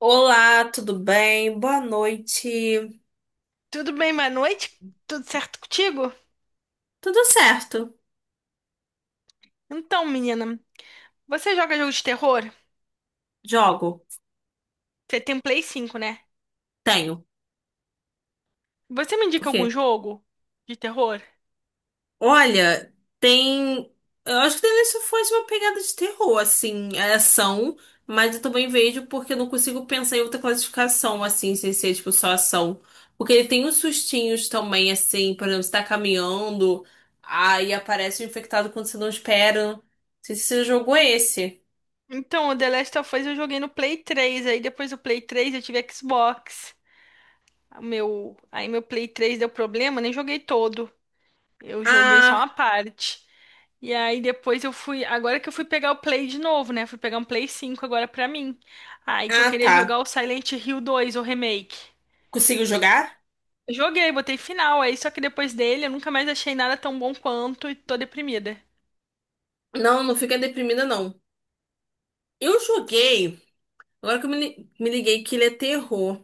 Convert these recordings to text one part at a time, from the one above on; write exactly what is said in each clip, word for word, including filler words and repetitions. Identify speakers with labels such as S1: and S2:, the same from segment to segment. S1: Olá, tudo bem? Boa noite.
S2: Tudo bem, boa noite? Tudo certo contigo?
S1: Tudo certo.
S2: Então, menina, você joga jogo de terror?
S1: Jogo.
S2: Você tem Play cinco, né?
S1: Tenho.
S2: Você me
S1: Por
S2: indica
S1: quê?
S2: algum jogo de terror?
S1: Olha, tem. Eu acho que deve ser foi uma pegada de terror, assim, é ação, mas eu também vejo porque eu não consigo pensar em outra classificação, assim, sem ser tipo só ação. Porque ele tem uns sustinhos também, assim, por exemplo, você tá caminhando, aí aparece um infectado quando você não espera. Não sei se você jogou esse.
S2: Então, o The Last of Us eu joguei no Play três, aí depois do Play três eu tive Xbox. O meu, aí meu Play três deu problema, nem joguei todo. Eu joguei só uma
S1: Ah,
S2: parte. E aí depois eu fui, agora que eu fui pegar o Play de novo, né? Fui pegar um Play cinco agora pra mim. Aí que eu
S1: ah,
S2: queria
S1: tá.
S2: jogar o Silent Hill dois, o remake.
S1: Consigo jogar?
S2: Joguei, botei final, aí só que depois dele eu nunca mais achei nada tão bom quanto, e tô deprimida.
S1: Não, não fica deprimida, não. Eu joguei. Agora que eu me, li- me liguei que ele é terror.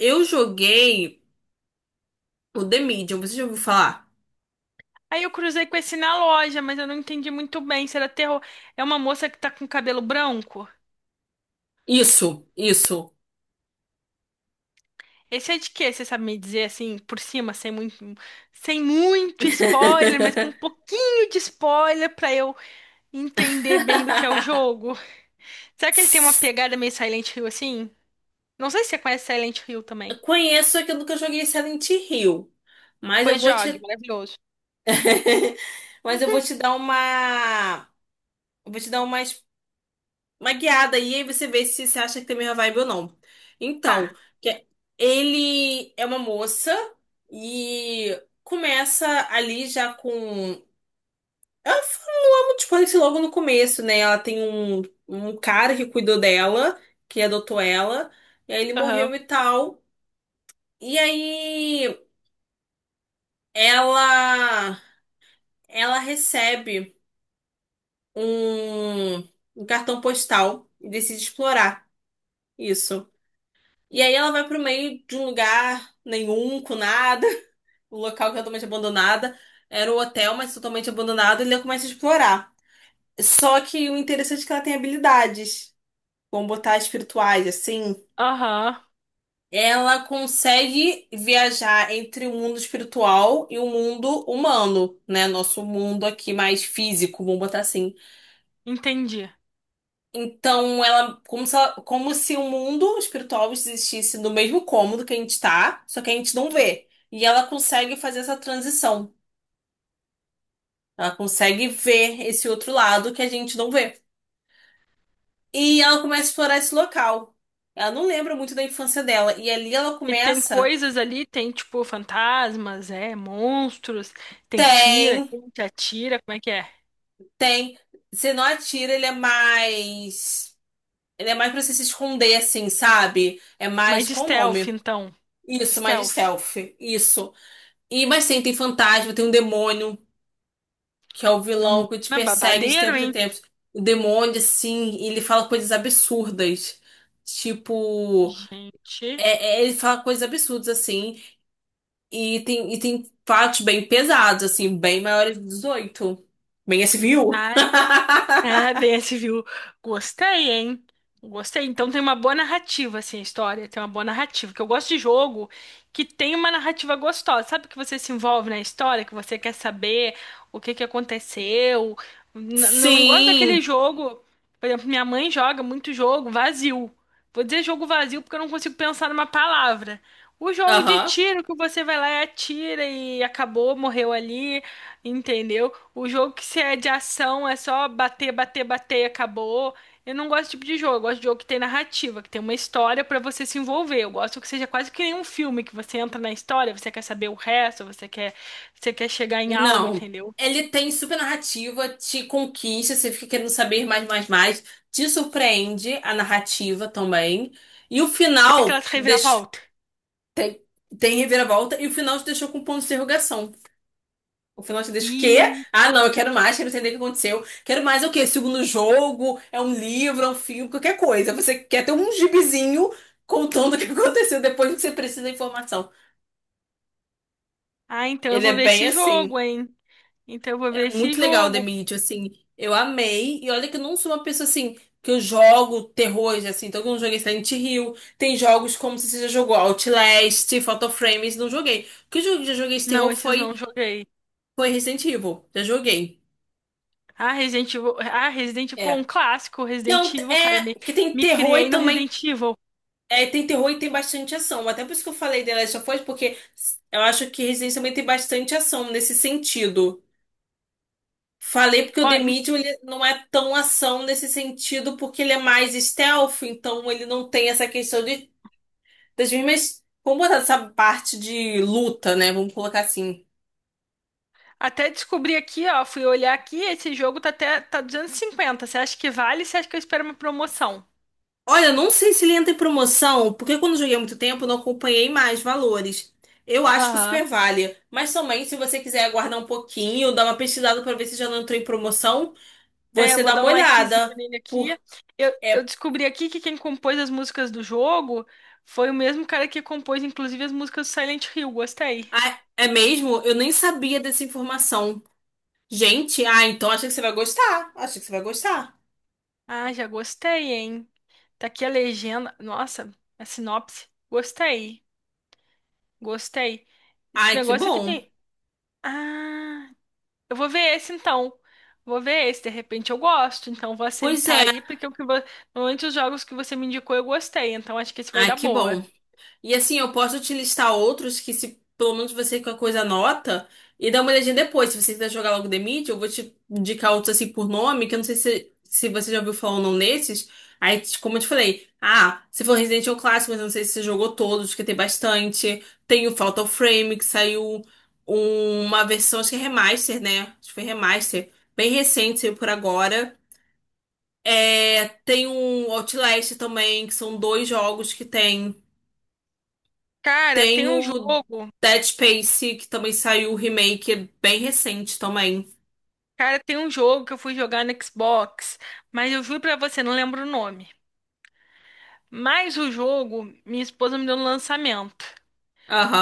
S1: Eu joguei o The Medium. Você já ouviu falar?
S2: Aí eu cruzei com esse na loja, mas eu não entendi muito bem se era terror. É uma moça que tá com cabelo branco?
S1: Isso, isso.
S2: Esse é de quê? Você sabe me dizer assim, por cima, sem muito, sem muito spoiler, mas com um pouquinho de spoiler pra eu entender bem do que é o jogo. Será que ele tem uma pegada meio Silent Hill assim? Não sei se você conhece Silent Hill também.
S1: Conheço, é que eu nunca joguei Silent Hill. Mas eu
S2: Pois
S1: vou
S2: jogue,
S1: te.
S2: maravilhoso.
S1: Mas eu vou te dar uma. Eu Vou te dar uma. Uma guiada aí, aí você vê se você acha que tem a mesma vibe ou não. Então,
S2: Tá.
S1: que é- ele é uma moça e começa ali já com. Ela fala muito spoiler logo no começo, né? Ela tem um, um cara que cuidou dela, que adotou ela, e aí ele
S2: Aham.
S1: morreu e tal. E aí ela, ela recebe um, um cartão postal e decide explorar isso. E aí ela vai pro meio de um lugar nenhum, com nada, um local que é totalmente abandonada. Era o hotel, mas totalmente abandonado, e ela começa a explorar. Só que o interessante é que ela tem habilidades, como botar espirituais, assim.
S2: Aham.
S1: Ela consegue viajar entre o mundo espiritual e o mundo humano, né? Nosso mundo aqui mais físico, vamos botar assim.
S2: Entendi.
S1: Então, ela, como se, ela- como se o mundo espiritual existisse no mesmo cômodo que a gente tá, só que a gente não vê. E ela consegue fazer essa transição. Ela consegue ver esse outro lado que a gente não vê. E ela começa a explorar esse local. Ela não lembra muito da infância dela. E ali ela
S2: E tem
S1: começa.
S2: coisas ali, tem tipo fantasmas, é, monstros, tem tira,
S1: Tem,
S2: tem te atira, como é que é?
S1: tem. Você não atira, ele é mais. Ele é mais pra você se esconder, assim, sabe? É
S2: Mais
S1: mais.
S2: de
S1: Qual o
S2: stealth,
S1: nome?
S2: então.
S1: Isso, mais de
S2: Stealth.
S1: stealth. Isso. E, mas sim, tem fantasma, tem um demônio, que é o vilão
S2: Menina,
S1: que te persegue de
S2: babadeiro,
S1: tempos em
S2: hein?
S1: tempos. O demônio, assim, ele fala coisas absurdas. Tipo,
S2: Gente.
S1: é, é, ele fala coisas absurdas, assim. E tem, e tem fatos bem pesados, assim, bem maiores de dezoito. Bem S V U.
S2: Ah, desse, viu? Gostei, hein? Gostei. Então tem uma boa narrativa, assim, a história. Tem uma boa narrativa. Que eu gosto de jogo que tem uma narrativa gostosa. Sabe que você se envolve na história, que você quer saber o que que aconteceu. N- n- Eu não gosto daquele
S1: Sim.
S2: jogo. Por exemplo, minha mãe joga muito jogo vazio. Vou dizer jogo vazio porque eu não consigo pensar numa palavra. O jogo de
S1: Aham.
S2: tiro que você vai lá e atira e acabou, morreu ali, entendeu? O jogo que se é de ação é só bater, bater, bater e acabou. Eu não gosto desse tipo de jogo. Eu gosto de jogo que tem narrativa, que tem uma história pra você se envolver. Eu gosto que seja quase que nem um filme, que você entra na história, você quer saber o resto, você quer, você quer chegar em algo,
S1: Não.
S2: entendeu?
S1: Ele tem super narrativa, te conquista, você fica querendo saber mais, mais, mais. Te surpreende a narrativa também. E o
S2: Tem aquela
S1: final deixa...
S2: reviravolta.
S1: tem, tem reviravolta e o final te deixou com um ponto de interrogação. O final te deixa o quê?
S2: E
S1: Ah, não, eu quero mais, quero entender o que aconteceu. Quero mais é o quê? Segundo jogo, é um livro, é um filme, qualquer coisa. Você quer ter um gibizinho contando o que aconteceu depois que você precisa da informação.
S2: ah, então eu
S1: Ele
S2: vou
S1: é
S2: ver
S1: bem
S2: esse
S1: assim.
S2: jogo, hein? Então eu vou ver
S1: É
S2: esse
S1: muito legal The
S2: jogo.
S1: Medium, assim. Eu amei. E olha que eu não sou uma pessoa assim que eu jogo terrores, assim. Então eu não joguei Silent Hill. Tem jogos como se você já jogou Outlast, Fatal Frames, não joguei. O que eu já joguei de
S2: Não,
S1: terror
S2: esses
S1: foi,
S2: não joguei.
S1: foi Resident Evil. Já joguei.
S2: Ah, Resident Evil. Ah, Resident Evil, pô, um
S1: É.
S2: clássico, Resident
S1: Então,
S2: Evil, cara. Me,
S1: é que tem
S2: me
S1: terror e
S2: criei no
S1: também.
S2: Resident Evil.
S1: É, tem terror e tem bastante ação. Até por isso que eu falei The Last of Us, porque eu acho que Resident também tem bastante ação nesse sentido. Falei porque o
S2: Ó,
S1: The Medium ele não é tão ação nesse sentido, porque ele é mais stealth, então ele não tem essa questão de, das mesmas. Vamos botar essa parte de luta, né? Vamos colocar assim.
S2: até descobri aqui, ó, fui olhar aqui, esse jogo tá até tá duzentos e cinquenta. Você acha que vale? Você acha que eu espero uma promoção?
S1: Olha, eu não sei se ele entra em promoção, porque quando eu joguei há muito tempo, eu não acompanhei mais valores. Eu acho que
S2: Aham.
S1: super vale. Mas também, se você quiser aguardar um pouquinho, dar uma pesquisada pra ver se já não entrou em promoção,
S2: É, eu
S1: você
S2: vou
S1: dá
S2: dar
S1: uma
S2: um likezinho
S1: olhada.
S2: nele aqui.
S1: Por...
S2: Eu, eu
S1: É...
S2: descobri aqui que quem compôs as músicas do jogo foi o mesmo cara que compôs, inclusive, as músicas do Silent Hill. Gostei.
S1: Ah, é mesmo? Eu nem sabia dessa informação. Gente, ah, então acho que você vai gostar. Acho que você vai gostar.
S2: Ah, já gostei, hein? Tá aqui a legenda. Nossa, a sinopse. Gostei. Gostei. Esse
S1: Ai, que
S2: negócio aqui
S1: bom.
S2: tem. Ah. Eu vou ver esse, então. Vou ver esse, de repente eu gosto, então vou
S1: Pois
S2: aceitar
S1: é.
S2: aí, porque o que vo... normalmente os jogos que você me indicou eu gostei, então acho que esse vai
S1: Ai,
S2: dar
S1: que
S2: boa.
S1: bom. E assim, eu posso te listar outros que se pelo menos você com a coisa anota e dá uma olhadinha depois. Se você quiser jogar logo The Meet, eu vou te indicar outros assim por nome, que eu não sei se, se você já ouviu falar ou não nesses. Aí, como eu te falei, ah, você falou Resident Evil Clássico, mas eu não sei se você jogou todos, que tem bastante. Tem o Fatal Frame, que saiu uma versão, acho que é remaster, né? Acho que foi remaster. Bem recente, saiu por agora. É, tem um Outlast também, que são dois jogos que tem.
S2: Cara,
S1: Tem
S2: tem um
S1: o
S2: jogo,
S1: Dead Space, que também saiu o remake, é bem recente também.
S2: cara, tem um jogo que eu fui jogar no Xbox, mas eu juro pra você, não lembro o nome. Mas o jogo, minha esposa me deu no lançamento.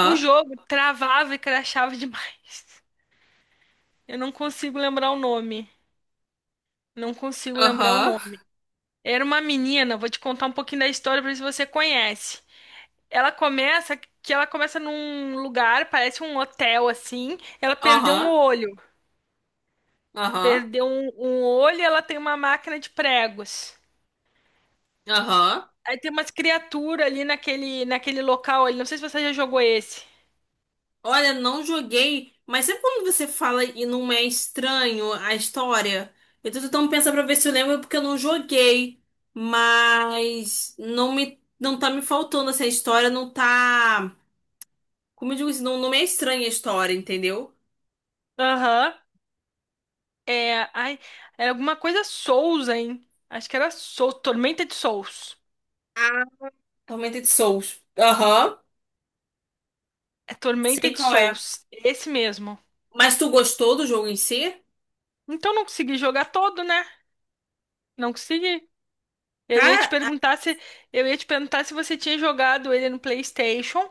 S2: O jogo travava e crashava demais. Eu não consigo lembrar o nome. Não consigo lembrar o
S1: aham,
S2: nome. Era uma menina, vou te contar um pouquinho da história pra ver se você conhece. Ela começa que ela começa num lugar, parece um hotel assim. Ela perdeu um
S1: aham,
S2: olho.
S1: aham,
S2: Perdeu um, um olho, e ela tem uma máquina de pregos.
S1: aham.
S2: Aí tem umas criaturas ali naquele naquele local ali. Não sei se você já jogou esse.
S1: Olha, não joguei, mas sempre quando você fala e não é estranho a história, eu tô tentando pensar pra ver se eu lembro, porque eu não joguei. Mas não me, não tá me faltando essa história, não tá. Como eu digo, isso não, não me é estranha a história, entendeu?
S2: Aham. É, ai, era alguma coisa Souls, hein? Acho que era Souls, Tormenta de Souls.
S1: Tormented de Souls. Aham.
S2: É Tormenta
S1: Sei
S2: de
S1: qual é.
S2: Souls, esse mesmo.
S1: Mas tu gostou do jogo em si?
S2: Então não consegui jogar todo, né? Não consegui. Eu ia te
S1: Cara,
S2: perguntar se eu ia te perguntar se você tinha jogado ele no PlayStation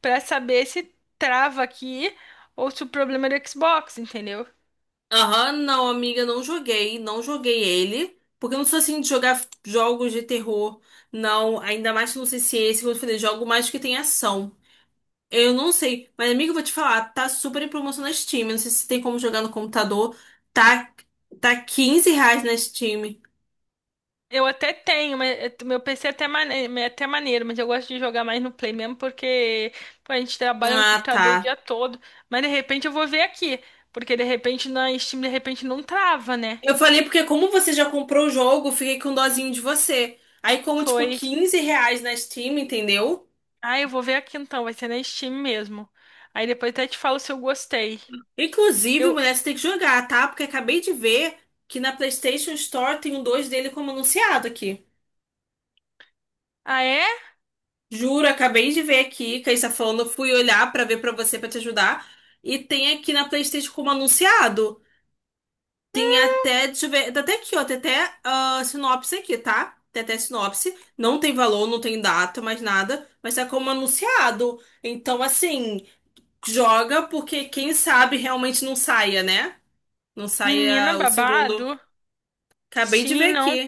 S2: pra saber se trava aqui ou se o problema é do Xbox, entendeu?
S1: aham, não, amiga, não joguei. Não joguei ele. Porque eu não sou assim de jogar jogos de terror. Não, ainda mais que eu não sei se é esse, como eu falei, jogo mais que tem ação. Eu não sei. Mas, amiga, eu vou te falar, tá super em promoção na Steam. Eu não sei se tem como jogar no computador. Tá, tá quinze reais na Steam.
S2: Eu até tenho, mas eh, meu P C é até mane- é até maneiro, mas eu gosto de jogar mais no Play mesmo porque pô, a gente trabalha no
S1: Ah, tá.
S2: computador o dia todo. Mas de repente eu vou ver aqui, porque de repente na Steam de repente não trava, né?
S1: Eu falei porque como você já comprou o jogo, eu fiquei com dozinho de você. Aí como, tipo,
S2: Foi.
S1: quinze reais na Steam, entendeu?
S2: Ah, eu vou ver aqui então, vai ser na Steam mesmo. Aí depois até te falo se eu gostei.
S1: Inclusive,
S2: Eu,
S1: mulher, você tem que jogar, tá? Porque acabei de ver que na PlayStation Store tem um dois dele como anunciado aqui.
S2: ah, é?
S1: Juro, acabei de ver aqui, que a gente tá falando, fui olhar pra ver pra você, pra te ajudar. E tem aqui na PlayStation como anunciado. Tem até, deixa eu ver, tá até aqui, ó, tem até ah, sinopse aqui, tá? Tem até sinopse, não tem valor, não tem data, mais nada, mas tá como anunciado. Então, assim, joga porque quem sabe realmente não saia, né? Não
S2: Menina
S1: saia o segundo.
S2: babado?
S1: Acabei de
S2: Sim,
S1: ver
S2: não.
S1: aqui.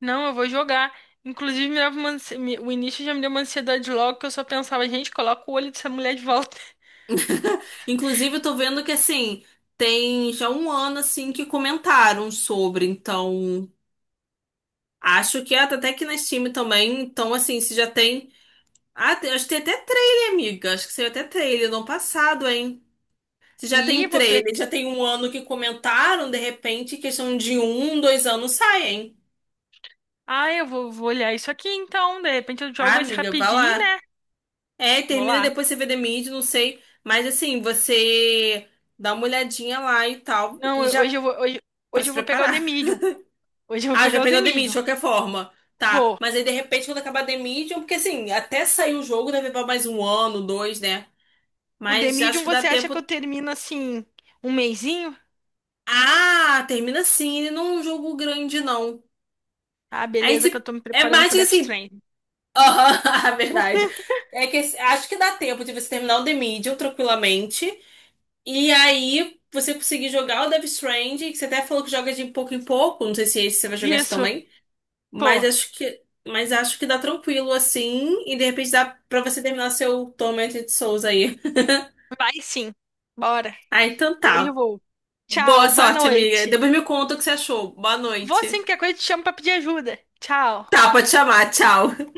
S2: Não, eu vou jogar. Inclusive, me dava uma ansi- me- o início já me deu uma ansiedade logo que eu só pensava, gente, coloca o olho dessa mulher de volta.
S1: Inclusive, eu tô vendo que, assim, tem já um ano, assim, que comentaram sobre, então, acho que é, tá até aqui na Steam também, então, assim, se já tem. Ah, tem- acho que tem até trailer, amiga. Acho que saiu até trailer no ano passado, hein? Se já
S2: E
S1: tem
S2: vou. pe-
S1: trailer, já tem um ano que comentaram, de repente, questão de um, dois anos sai, hein?
S2: Ah, eu vou, vou olhar isso aqui, então. De repente eu
S1: Ah,
S2: jogo esse
S1: amiga, vá
S2: rapidinho,
S1: lá.
S2: né?
S1: É,
S2: Vou
S1: termina e
S2: lá.
S1: depois você vê The Mid, não sei. Mas assim, você dá uma olhadinha lá e tal,
S2: Não,
S1: e
S2: eu- hoje
S1: já
S2: eu vou, hoje,
S1: pra
S2: hoje
S1: se
S2: eu vou pegar o The
S1: preparar.
S2: Medium. Hoje eu vou
S1: Ah, já
S2: pegar o
S1: pegar
S2: The
S1: o The Mid, de
S2: Medium.
S1: qualquer forma. Tá,
S2: Vou.
S1: mas aí de repente quando acabar The Medium, porque assim, até sair o jogo deve levar mais um ano, dois, né?
S2: O The
S1: Mas
S2: Medium,
S1: acho que dá
S2: você acha que eu
S1: tempo.
S2: termino assim, um mesinho?
S1: Ah, termina assim, ele não é um jogo grande, não.
S2: Ah,
S1: Aí
S2: beleza, que eu
S1: se...
S2: tô me
S1: é
S2: preparando
S1: mais
S2: pro
S1: que
S2: Death
S1: assim.
S2: Stranding.
S1: Aham, a verdade. É que esse- acho que dá tempo de você terminar o The Medium tranquilamente. E aí você conseguir jogar o Death Stranding, que você até falou que joga de pouco em pouco. Não sei se esse você vai jogar esse
S2: Isso.
S1: também. Mas
S2: Pô,
S1: acho que. Mas acho que dá tranquilo assim. E de repente dá pra você terminar seu Tormented Souls aí.
S2: vai sim. Bora.
S1: Ah, então
S2: Hoje eu
S1: tá.
S2: vou.
S1: Boa
S2: Tchau, boa
S1: sorte, amiga.
S2: noite.
S1: Depois me conta o que você achou. Boa
S2: Vou sim,
S1: noite.
S2: qualquer coisa eu te chamo pra pedir ajuda. Tchau.
S1: Tá, pode chamar. Tchau.